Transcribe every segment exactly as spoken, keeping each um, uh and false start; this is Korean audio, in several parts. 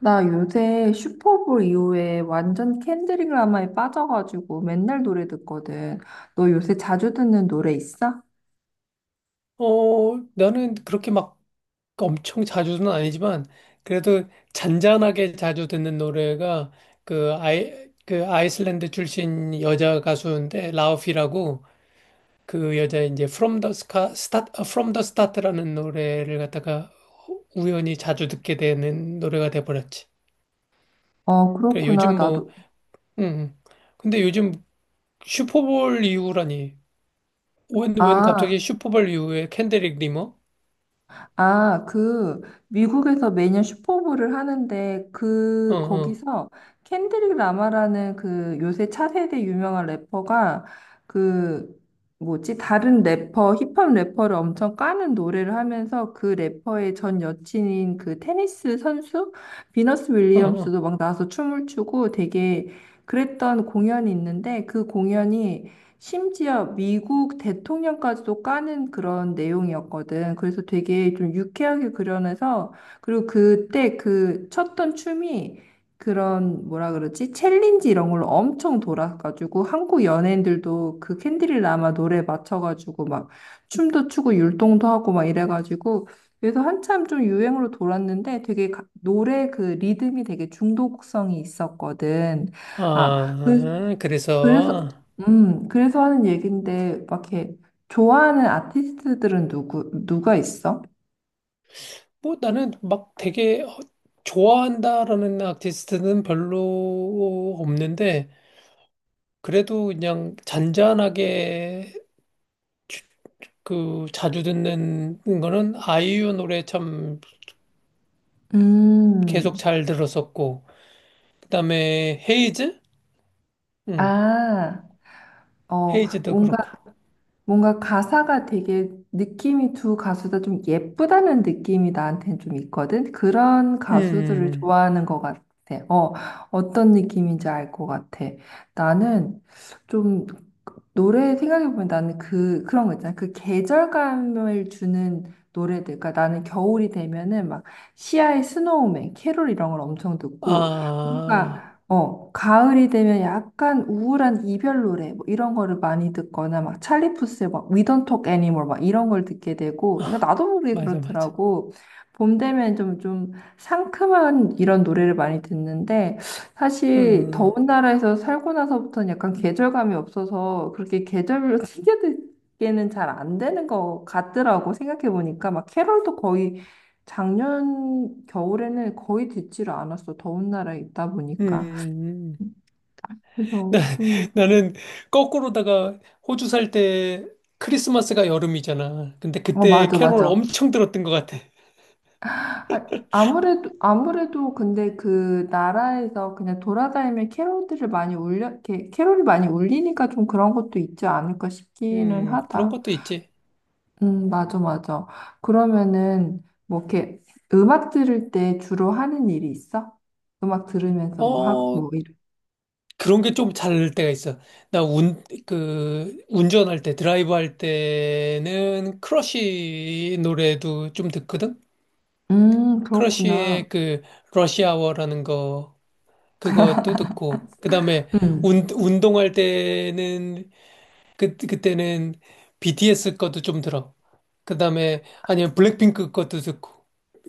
나 요새 슈퍼볼 이후에 완전 캔드릭 라마에 빠져가지고 맨날 노래 듣거든. 너 요새 자주 듣는 노래 있어? 어, 나는 그렇게 막 엄청 자주는 아니지만, 그래도 잔잔하게 자주 듣는 노래가 그 아이, 그 아이슬란드 출신 여자 가수인데, 라우피라고 그 여자 이제 From the Sca- Start, 아, From the Start라는 노래를 갖다가 우연히 자주 듣게 되는 노래가 돼버렸지. 어, 그래, 그렇구나. 요즘 뭐, 나도. 음, 근데 요즘 슈퍼볼 이후라니. 웬, 웬 아, 갑자기 슈퍼볼 이후에 캔드릭 리머? 아, 그 미국에서 매년 슈퍼볼을 하는데 어, 그 어, 거기서 켄드릭 라마라는 그 요새 차세대 유명한 래퍼가 그 뭐지 다른 래퍼 힙합 래퍼를 엄청 까는 노래를 하면서 그 래퍼의 전 여친인 그 테니스 선수 비너스 어, 어. 윌리엄스도 막 나와서 춤을 추고 되게 그랬던 공연이 있는데 그 공연이 심지어 미국 대통령까지도 까는 그런 내용이었거든. 그래서 되게 좀 유쾌하게 그려내서, 그리고 그때 그 쳤던 춤이 그런 뭐라 그러지? 챌린지 이런 걸로 엄청 돌아가지고 한국 연예인들도 그 캔디를 라마 노래 맞춰가지고 막 춤도 추고 율동도 하고 막 이래가지고 그래서 한참 좀 유행으로 돌았는데 되게 가- 노래 그 리듬이 되게 중독성이 있었거든. 아, 그 아, 그래서 그래서, 음, 그래서 하는 얘긴데, 막 이렇게 좋아하는 아티스트들은 누구, 누가 있어? 뭐 나는 막 되게 어, 좋아한다라는 아티스트는 별로 없는데 그래도 그냥 잔잔하게 주- 그 자주 듣는 거는 아이유 노래 참 계속 음, 잘 들었었고 그다음에 헤이즈? 응. 아, 어, 헤이즈도 뭔가, 그렇고. 뭔가 가사가 되게 느낌이 두 가수 다 좀 예쁘다는 느낌이 나한테는 좀 있거든? 그런 가수들을 음. 좋아하는 것 같아. 어, 어떤 느낌인지 알 것 같아. 나는 좀 노래 생각해보면 나는 그, 그런 거 있잖아. 그 계절감을 주는 노래들. 그러니까 나는 겨울이 되면은 막 시아의 스노우맨, 캐롤 이런 걸 엄청 듣고. 아. 그러니까, 어, 가을이 되면 약간 우울한 이별 노래, 뭐 이런 거를 많이 듣거나 막 찰리 푸스의 막 We Don't Talk Anymore 막 이런 걸 듣게 되고. 그러니까 아, 나도 모르게 맞아 맞아. 그렇더라고. 봄 되면 좀, 좀 상큼한 이런 노래를 많이 듣는데 어, 사실 음. 더운 나라에서 살고 나서부터는 약간 계절감이 없어서 그렇게 계절별로 챙겨 듣기에는 잘 안 되는 것 같더라고. 생각해 보니까 막 캐럴도 거의 작년 겨울에는 거의 듣지를 않았어. 더운 나라에 있다 음. 보니까 음. 나, 그래서 음. 나는 거꾸로다가 호주 살 때 크리스마스가 여름이잖아. 근데 어 그때 맞아 캐롤 맞아. 엄청 들었던 것 같아. 아, 아무래도 아무래도 근데 그 나라에서 그냥 돌아다니면 캐럴들을 많이 울려. 이렇게 캐럴이 많이 울리니까 좀 그런 것도 있지 않을까 싶기는 음, 그런 하다. 것도 있지. 음, 맞아, 맞아. 그러면은, 뭐, 이렇게, 음악 들을 때 주로 하는 일이 있어? 음악 들으면서 뭐 하고, 어, 뭐, 이런. 그런 게 좀 잘 때가 있어. 나 운, 그, 운전할 때, 드라이브 할 때는 크러쉬 노래도 좀 듣거든? 음, 그렇구나. 크러쉬의 그, 러시아워라는 거, 그것도 듣고, 그 다음에 음. 운, 운동할 때는 그, 그때는 비티에스 것도 좀 들어. 그 다음에, 아니면 블랙핑크 것도 듣고,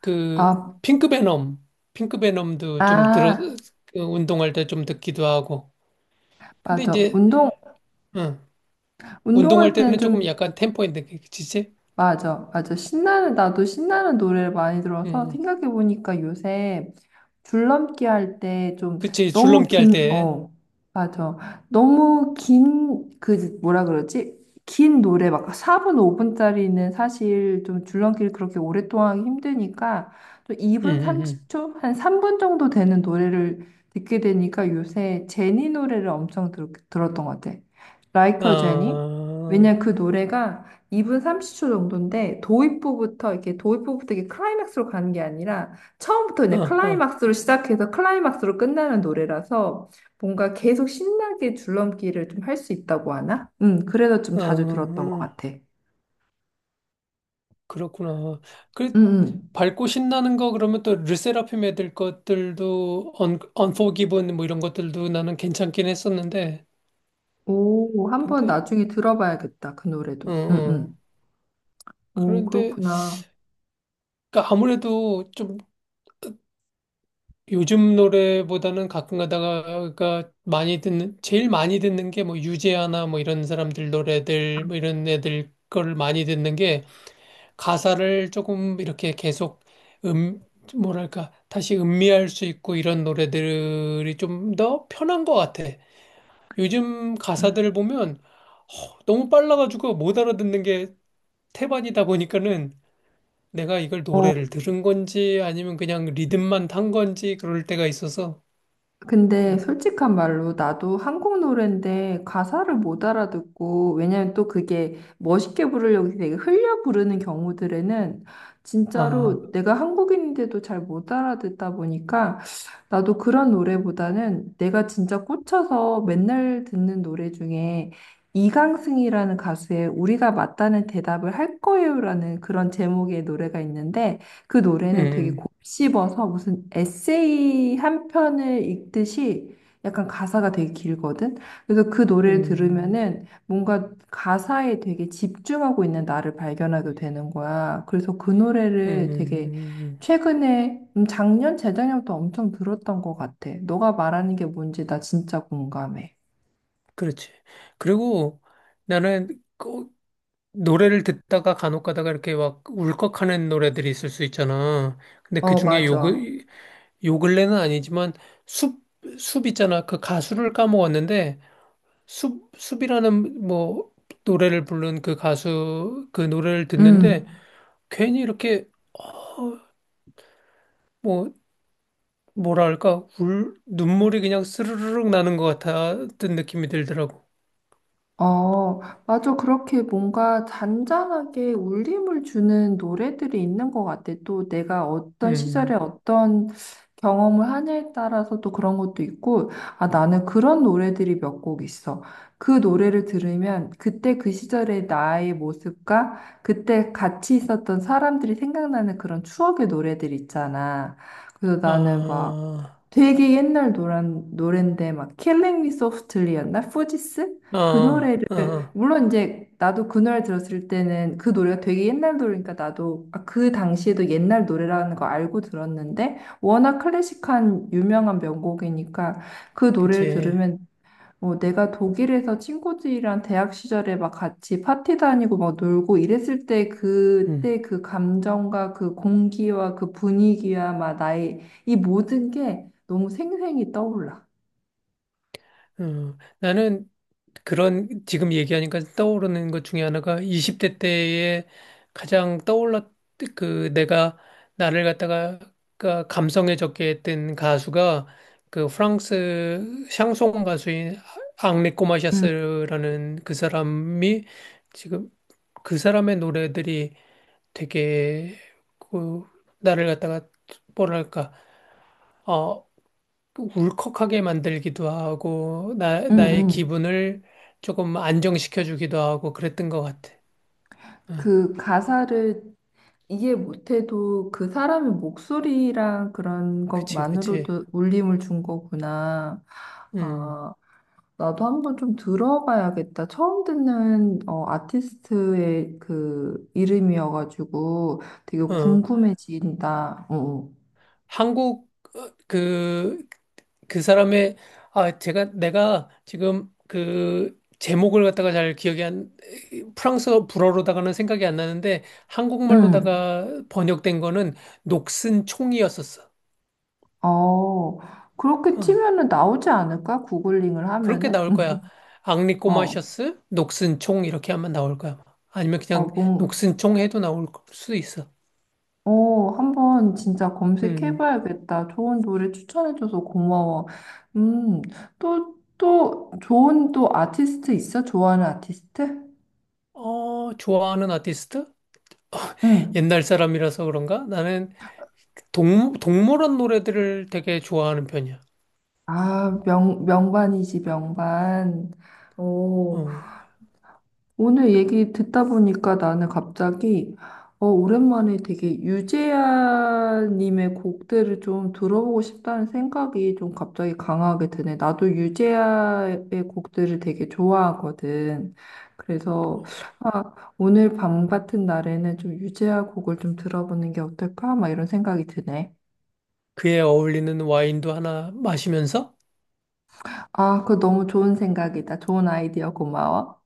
그, 아, 핑크베놈, 핑크베놈도 좀 들어, 아, 그 운동할 때 좀 듣기도 하고. 근데 맞아. 이제, 운동, 응, 운동할 운동할 때는 때는 조금 좀 약간 템포 있는 게, 그치지? 맞아, 맞아. 신나는, 나도 신나는 노래를 많이 들어서 응, 생각해보니까 요새 줄넘기 할 때 좀 그치, 너무 줄넘기 할 긴, 때. 어, 맞아. 너무 긴, 그, 뭐라 그러지? 긴 노래, 막 사 분, 오 분짜리는 사실 좀 줄넘기를 그렇게 오랫동안 하기 힘드니까 좀 응, 이 분 응, 삼십 초? 한 삼 분 정도 되는 노래를 듣게 되니까 요새 제니 노래를 엄청 들, 들었던 것 같아. Like 응. a Jenny? 왜냐 아, 어, 그 노래가 이 분 삼십 초 정도인데 도입부부터 이렇게 도입부부터 이게 클라이맥스로 가는 게 아니라 처음부터 어, 그냥 어, 클라이막스로 시작해서 클라이막스로 끝나는 노래라서 뭔가 계속 신나게 줄넘기를 좀 할 수 있다고 하나? 음, 그래서 좀 어, 자주 들었던 것 어. 같아. 음, 그렇구나. 그, 음. 밝고 신나는 거 그러면 또 르세라핌 애들 것들도 언 언포기븐 뭐 이런 것들도 나는 괜찮긴 했었는데 오, 한번 근데 나중에 들어봐야겠다. 그 어, 노래도. 음, 어. 음. 오, 그런데 그렇구나. 그러니까 아무래도 좀 요즘 노래보다는 가끔 가다가 많이 듣는 제일 많이 듣는 게 뭐 유재하나 뭐 이런 사람들 노래들 뭐 이런 애들 걸 많이 듣는 게 가사를 조금 이렇게 계속 음 뭐랄까 다시 음미할 수 있고 이런 노래들이 좀 더 편한 것 같아. 요즘 음. 가사들을 보면 허, 너무 빨라가지고 못 알아듣는 게 태반이다 보니까는 내가 이걸 어, 노래를 들은 건지 아니면 그냥 리듬만 탄 건지 그럴 때가 있어서. 근데 음. 솔직한 말로 나도 한국 노래인데 가사를 못 알아듣고. 왜냐면 또 그게 멋있게 부르려고 되게 흘려 부르는 경우들에는 진짜로 아, 내가 한국인인데도 잘 못 알아듣다 보니까 나도 그런 노래보다는 내가 진짜 꽂혀서 맨날 듣는 노래 중에 이강승이라는 가수의 우리가 맞다는 대답을 할 거예요라는 그런 제목의 노래가 있는데 그 노래는 되게 음, 곱씹어서 무슨 에세이 한 편을 읽듯이 약간 가사가 되게 길거든. 그래서 그 노래를 음, 들으면은 뭔가 가사에 되게 집중하고 있는 나를 발견하게 되는 거야. 그래서 그 음, 음, 노래를 되게 음, 음. 최근에 음, 작년, 재작년부터 엄청 들었던 것 같아. 너가 말하는 게 뭔지 나 진짜 공감해. 그렇지. 그리고 나는 그 노래를 듣다가 간혹 가다가 이렇게 막 울컥하는 노래들이 있을 수 있잖아. 근데 그 어, 중에 요, 맞아. 근- 요 근래는 아니지만 숲, 숲 있잖아. 그 가수를 까먹었는데 숲, 숲이라는 뭐 노래를 부른 그 가수 그 노래를 듣는데 음. 괜히 이렇게 뭐 뭐랄까 울 눈물이 그냥 스르르륵 나는 것 같았던 느낌이 들더라고. 어, 맞아. 그렇게 뭔가 잔잔하게 울림을 주는 노래들이 있는 것 같아. 또 내가 어떤 시절에 음. 어떤 경험을 하냐에 따라서 또 그런 것도 있고, 아, 나는 그런 노래들이 몇 곡 있어. 그 노래를 들으면 그때 그 시절의 나의 모습과 그때 같이 있었던 사람들이 생각나는 그런 추억의 노래들 있잖아. 그래서 나는 막 아, 되게 옛날 노란 노랜데 막 e s o f t l y 였나 포지스? 그 아, 노래를 아, 물론 이제 나도 그 노래 들었을 때는 그 노래가 되게 옛날 노래니까 나도 아, 그 당시에도 옛날 노래라는 거 알고 들었는데 워낙 클래식한 유명한 명곡이니까 그 노래를 그치. 들으면 어, 내가 독일에서 친구들이랑 대학 시절에 막 같이 파티 다니고 막 놀고 이랬을 때 음, 그때 그 감정과 그 공기와 그 분위기와 막 나의 이 모든 게 너무 생생히 떠올라. 음. 나는 그런 지금 얘기하니까 떠오르는 것 중에 하나가 이십 대 때에 가장 떠올랐 그 내가 나를 갖다가 가- 감성해졌게 했던 가수가 그 프랑스 샹송 가수인 앙리 응, 꼬마샤스라는 그 사람이 지금 그 사람의 노래들이 되게 그 나를 갖다가 뭐랄까 어, 울컥하게 만들기도 하고, 나, 응, 나의 응. 기분을 조금 안정시켜주기도 하고 그랬던 것 같아. 어, 그 가사를 이해 못해도 그 사람의 목소리랑 그런 그치, 그치. 것만으로도 울림을 준 거구나. 음, 아, 나도 한번 좀 들어봐야겠다. 처음 듣는 어, 아티스트의 그 이름이어가지고 되게 어, 궁금해진다. 어. 어. 한국, 어, 그, 그 사람의, 아, 제가, 내가 지금 그 제목을 갖다가 잘 기억이 안, 프랑스어 불어로다가는 생각이 안 나는데, 응. 한국말로다가 번역된 거는 녹슨 총이었었어. 어, 그렇게 어. 치면은 나오지 않을까? 구글링을 그렇게 하면은? 나올 응. 거야. 앙리 어, 꼬마셔스, 녹슨 총 이렇게 하면 나올 거야. 아니면 어, 그냥 뭔, 녹슨 총 해도 나올 수도 있어. 어, 한번 진짜 음. 검색해봐야겠다. 좋은 노래 추천해줘서 고마워. 음, 또, 또, 좋은 또 아티스트 있어? 좋아하는 아티스트? 어, 좋아하는 아티스트? 응. 옛날 사람이라서 그런가? 나는 동, 동물원 노래들을 되게 좋아하는 편이야. 아, 명, 명반이지, 명반. 어, 오, 오늘 얘기 듣다 보니까 나는 갑자기, 어, 오랜만에 되게 유재하님의 곡들을 좀 들어보고 싶다는 생각이 좀 갑자기 강하게 드네. 나도 유재하의 곡들을 되게 좋아하거든. 그래서, 아, 오늘 밤 같은 날에는 좀 유재하 곡을 좀 들어보는 게 어떨까? 막 이런 생각이 드네. 그에 어울리는 와인도 하나 마시면서 아, 그거 너무 좋은 생각이다. 좋은 아이디어 고마워.